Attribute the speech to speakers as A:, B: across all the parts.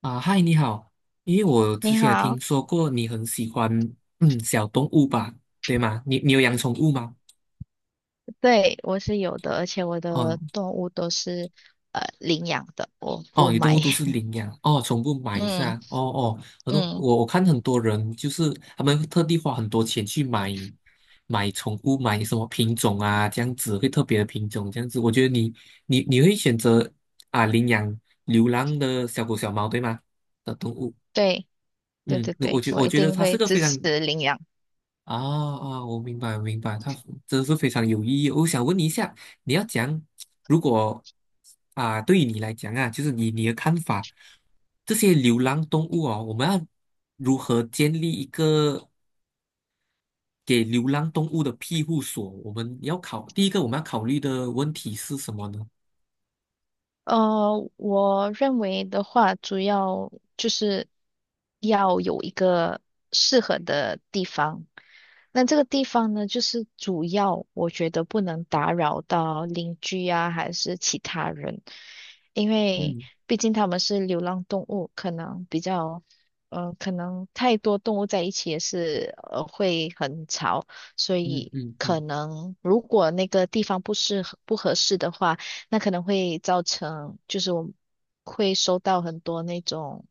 A: 啊，嗨，你好，因为我之
B: 你
A: 前有
B: 好，
A: 听说过你很喜欢小动物吧，对吗？你有养宠物吗？
B: 对，我是有的，而且我的
A: 哦
B: 动物都是领养的，我不
A: 哦，你动
B: 买。
A: 物都是 领养哦，宠物买是
B: 嗯
A: 啊，哦哦，很多
B: 嗯，
A: 我看很多人就是他们会特地花很多钱去买宠物，买什么品种啊，这样子会特别的品种这样子，我觉得你你会选择领养流浪的小狗小猫对吗？的动物。
B: 对对
A: 嗯，
B: 对对，我
A: 我
B: 一
A: 觉得
B: 定
A: 它是
B: 会
A: 个
B: 支
A: 非常
B: 持领养。
A: 我明白，我明白，他真的是非常有意义。我想问你一下，你要讲，如果啊，对于你来讲啊，就是你的看法，这些流浪动物哦，我们要如何建立一个给流浪动物的庇护所？我们要考，第一个我们要考虑的问题是什么呢？
B: 我认为的话，主要就是要有一个适合的地方。那这个地方呢，就是主要我觉得不能打扰到邻居啊，还是其他人，因为
A: 嗯
B: 毕竟他们是流浪动物，可能比较，可能太多动物在一起也是会很吵，所
A: 嗯
B: 以
A: 嗯
B: 可
A: 嗯，
B: 能如果那个地方不合适的话。那可能会造成，就是我会收到很多那种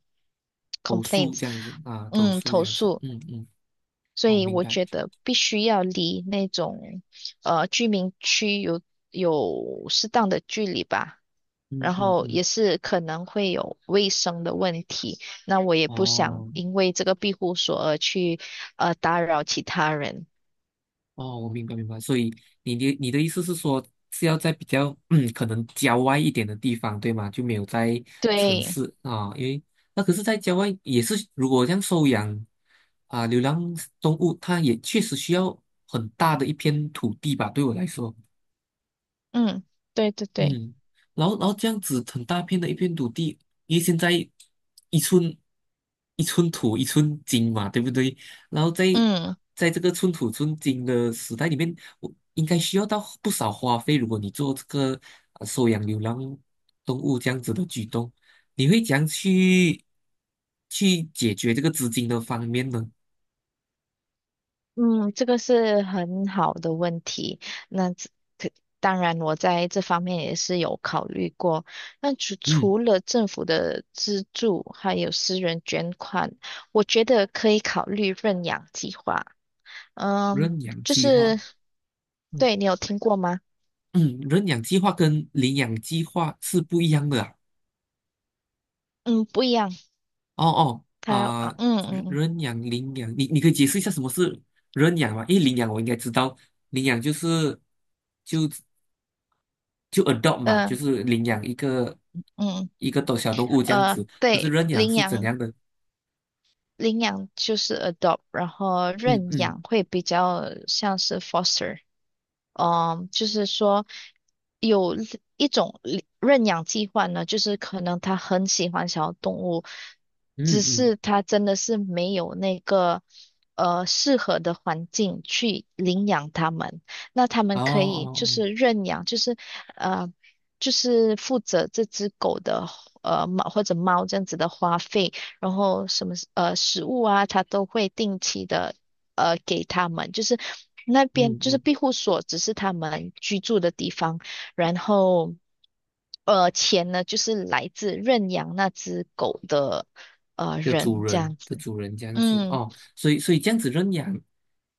A: 投诉
B: complaints，
A: 这样子啊，投
B: 嗯，
A: 诉这
B: 投
A: 样子，
B: 诉，
A: 嗯嗯，
B: 所
A: 我
B: 以
A: 明
B: 我
A: 白，
B: 觉得必须要离那种居民区有适当的距离吧。
A: 嗯
B: 然
A: 嗯
B: 后
A: 嗯，
B: 也是可能会有卫生的问题，那我也不想
A: 哦。
B: 因为这个庇护所而去打扰其他人。
A: 哦，我明白明白，所以你的意思是说是要在比较可能郊外一点的地方，对吗？就没有在城
B: 对，
A: 市啊，因为那可是，在郊外也是，如果这样收养流浪动物，它也确实需要很大的一片土地吧，对我来说。
B: 嗯，对对对，
A: 嗯，然后这样子很大片的一片土地，因为现在一寸一寸土一寸金嘛，对不对？然后
B: 嗯。
A: 在这个寸土寸金的时代里面，我应该需要到不少花费。如果你做这个收养流浪动物这样子的举动，你会怎样去解决这个资金的方面呢？
B: 嗯，这个是很好的问题。那这可当然，我在这方面也是有考虑过。那
A: 嗯，
B: 除了政府的资助，还有私人捐款，我觉得可以考虑认养计划。嗯，
A: 认养
B: 就
A: 计划，
B: 是，
A: 嗯
B: 对，你有听过吗？
A: 嗯，认养计划跟领养计划是不一样的啊。
B: 嗯，不一样。
A: 哦哦
B: 它，
A: 啊，认养领养，你可以解释一下什么是认养吗？因为领养我应该知道，领养就是就就 adopt 嘛，
B: 嗯，
A: 就
B: 呃，
A: 是领养一个
B: 嗯
A: 一个动小动物这样子。可是
B: 对，
A: 认养
B: 领
A: 是怎
B: 养。
A: 样的？
B: 领养就是 adopt，然后
A: 嗯
B: 认
A: 嗯
B: 养会比较像是 foster。嗯，就是说。有。一种领认养计划呢，就是可能他很喜欢小动物，只
A: 嗯嗯，
B: 是他真的是没有那个适合的环境去领养它们。那他
A: 哦
B: 们可以就
A: 哦哦，
B: 是认养，就是呃就是负责这只狗的呃猫或者猫这样子的花费，然后什么食物啊，他都会定期的给他们，就是。那边
A: 嗯
B: 就是
A: 嗯
B: 庇护所，只是他们居住的地方。然后钱呢就是来自认养那只狗的人这样
A: 的
B: 子。
A: 主人这样子
B: 嗯，
A: 哦，所以这样子认养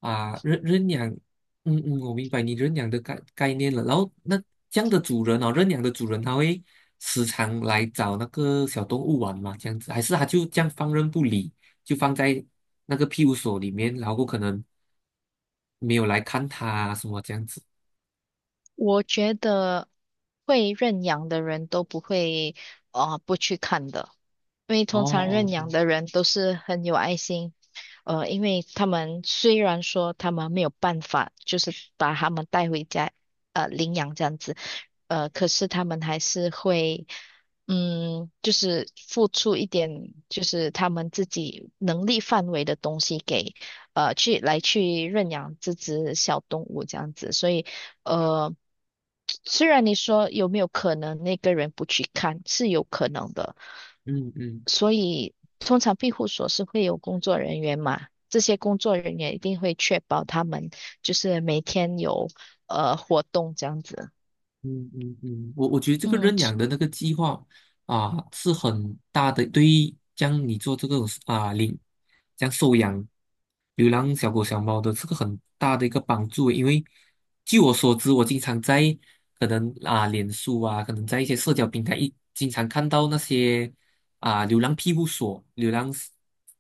A: 啊，认养，嗯嗯，我明白你认养的概念了。然后那这样的主人哦，认养的主人他会时常来找那个小动物玩嘛，这样子，还是他就这样放任不理，就放在那个庇护所里面，然后可能没有来看它啊什么这样子。
B: 我觉得会认养的人都不会不去看的。因为
A: 哦
B: 通常认
A: 哦，
B: 养的人都是很有爱心，呃，因为他们虽然说他们没有办法，就是把他们带回家，呃，领养这样子，呃，可是他们还是会，嗯，就是付出一点，就是他们自己能力范围的东西给，呃，去来去认养这只小动物这样子，所以，呃。虽然你说有没有可能那个人不去看，是有可能的，
A: 嗯嗯。
B: 所以通常庇护所是会有工作人员嘛，这些工作人员一定会确保他们就是每天有活动这样子。
A: 嗯嗯嗯，我觉得这个
B: 嗯
A: 认养的那个计划啊，是很大的。对于将你做这个将收养流浪小狗小猫的这个很大的一个帮助欸。因为据我所知，我经常在可能啊脸书啊，可能在一些社交平台一经常看到那些啊流浪庇护所、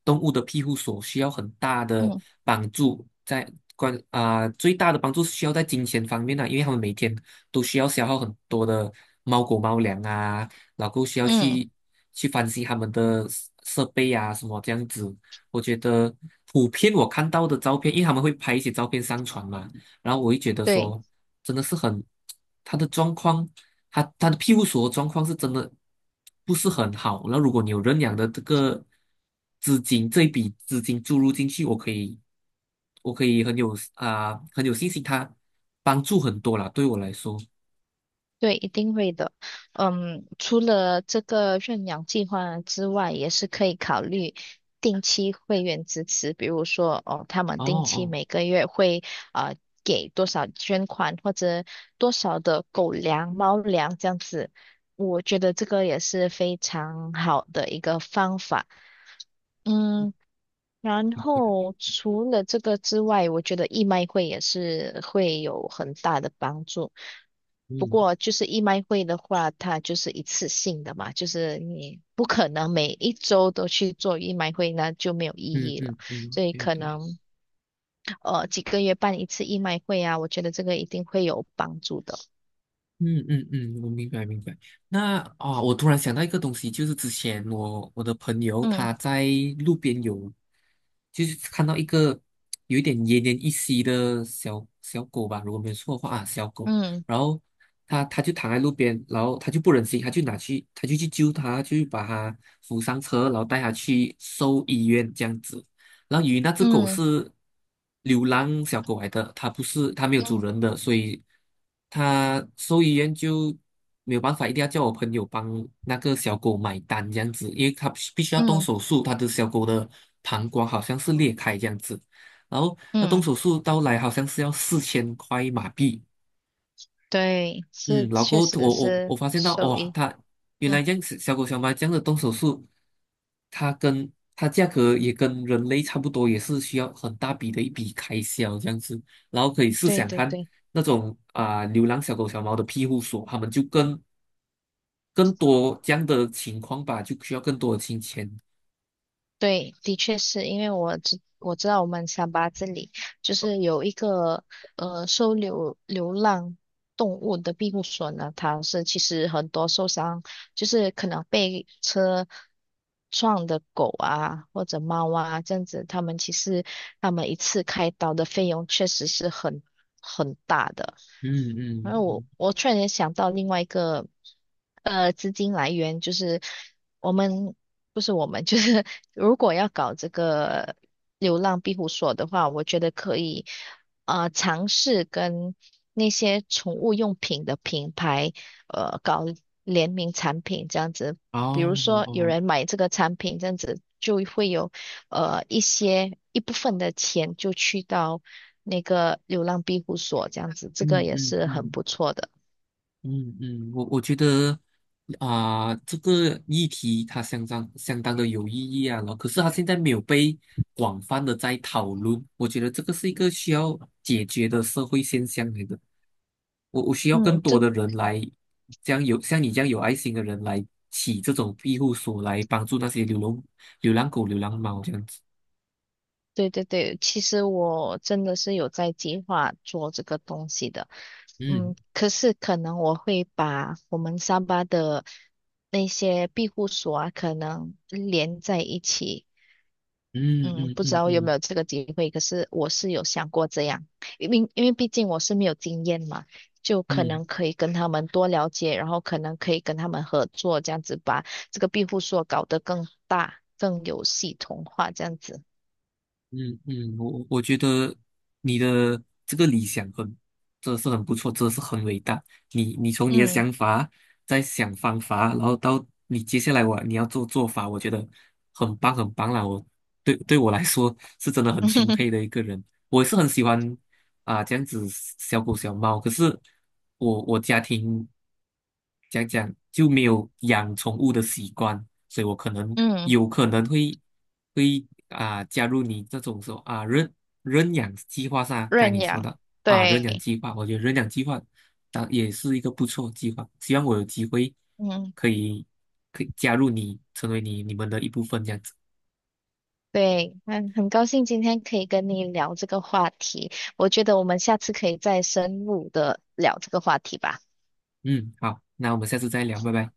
A: 动物的庇护所需要很大的
B: 嗯
A: 帮助在。最大的帮助是需要在金钱方面的、因为他们每天都需要消耗很多的猫狗猫粮啊，然后需要
B: 嗯，
A: 去翻新他们的设备啊，什么这样子。我觉得普遍我看到的照片，因为他们会拍一些照片上传嘛，然后我会觉得
B: 对。
A: 说，真的是很，他的状况，他的庇护所的状况是真的不是很好。那如果你有认养的这个资金，这一笔资金注入进去，我可以很有很有信心，他帮助很多啦，对我来说。
B: 对，一定会的。嗯，除了这个认养计划之外，也是可以考虑定期会员支持，比如说哦，他们
A: 哦
B: 定期
A: 哦，
B: 每个月会呃给多少捐款或者多少的狗粮、猫粮这样子。我觉得这个也是非常好的一个方法。嗯，然后除了这个之外，我觉得义卖会也是会有很大的帮助。不
A: 嗯
B: 过就是义卖会的话，它就是一次性的嘛，就是你不可能每一周都去做义卖会，那就没有意
A: 嗯
B: 义了。
A: 嗯嗯，
B: 所以
A: 对
B: 可
A: 对，
B: 能几个月办一次义卖会啊，我觉得这个一定会有帮助的。
A: 嗯嗯嗯，我明白明白。那我突然想到一个东西，就是之前我的朋友
B: 嗯
A: 他在路边有，就是看到一个有一点奄奄一息的小小狗吧，如果没有错的话啊，小狗，
B: 嗯
A: 然后他就躺在路边，然后他就不忍心，他就去救他，就把他扶上车，然后带他去兽医院这样子。然后由于那只狗
B: 嗯
A: 是流浪小狗来的，它不是它没有主
B: 嗯
A: 人的，所以它兽医院就没有办法，一定要叫我朋友帮那个小狗买单这样子，因为它必须要动
B: 嗯
A: 手术，它的小狗的膀胱好像是裂开这样子，然后那动
B: 嗯，
A: 手术到来好像是要4000块马币。
B: 对，
A: 嗯，
B: 是
A: 老哥，
B: 确实
A: 我
B: 是
A: 发现到，
B: 受
A: 哇、
B: 益。
A: 它原来
B: 嗯，
A: 这样子，小狗小猫这样的动手术，它价格也跟人类差不多，也是需要很大笔的一笔开销这样子。然后可以试
B: 对
A: 想
B: 对
A: 看
B: 对。
A: 那种流浪小狗小猫的庇护所，他们就更多这样的情况吧，就需要更多的金钱。
B: 对，的确是因为我知道我们三八这里就是有一个收留流浪动物的庇护所呢，它是其实很多受伤。就是可能被车撞的狗啊或者猫啊这样子，他们一次开刀的费用确实是很大的。
A: 嗯嗯
B: 然后
A: 嗯，
B: 我突然间想到另外一个资金来源，就是我们不是我们，就是 如果要搞这个流浪庇护所的话，我觉得可以尝试跟那些宠物用品的品牌。搞联名产品这样子，比如
A: 哦
B: 说有
A: 哦，
B: 人买这个产品这样子，就会有一部分的钱就去到那个流浪庇护所这样子，这个
A: 嗯
B: 也
A: 嗯
B: 是很
A: 嗯。
B: 不错的。
A: 嗯嗯，我觉得这个议题它相当相当的有意义啊，然后可是它现在没有被广泛的在讨论，我觉得这个是一个需要解决的社会现象来的。我需要更
B: 嗯，
A: 多
B: 这
A: 的人来，这样有像你这样有爱心的人来起这种庇护所，来帮助那些流浪狗、流浪猫这样子。
B: 对对对，其实我真的是有在计划做这个东西的。
A: 嗯
B: 嗯，可是可能我会把我们三八的那些庇护所啊，可能连在一起，
A: 嗯
B: 嗯，
A: 嗯
B: 不知
A: 嗯
B: 道有
A: 嗯
B: 没有这个机会，可是我是有想过这样，因为毕竟我是没有经验嘛，就可
A: 嗯，
B: 能可以跟他们多了解，然后可能可以跟他们合作，这样子把这个庇护所搞得更大、更有系统化，这样子。
A: 嗯嗯，我觉得的这个理想很，真的是很不错，真的是很伟大。你从你的
B: 嗯
A: 想法再想方法，然后到你接下来你要做法，我觉得很棒很棒啦。我对对我来说是真的很钦佩 的一个人。我也是很喜欢这样子小狗小猫，可是我家庭就没有养宠物的习惯，所以我可能
B: 嗯，
A: 有可能会。会加入你这种说认养计划上，该
B: 认
A: 你说
B: 养，
A: 的认养
B: 对，
A: 计划，我觉得认养计划当也是一个不错的计划，希望我有机会
B: 嗯
A: 可以可以加入你，成为你们的一部分这样子。
B: 对，嗯，很高兴今天可以跟你聊这个话题，我觉得我们下次可以再深入的聊这个话题吧。
A: 嗯，好，那我们下次再聊，拜拜。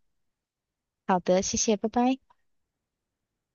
B: 好的，谢谢，拜拜。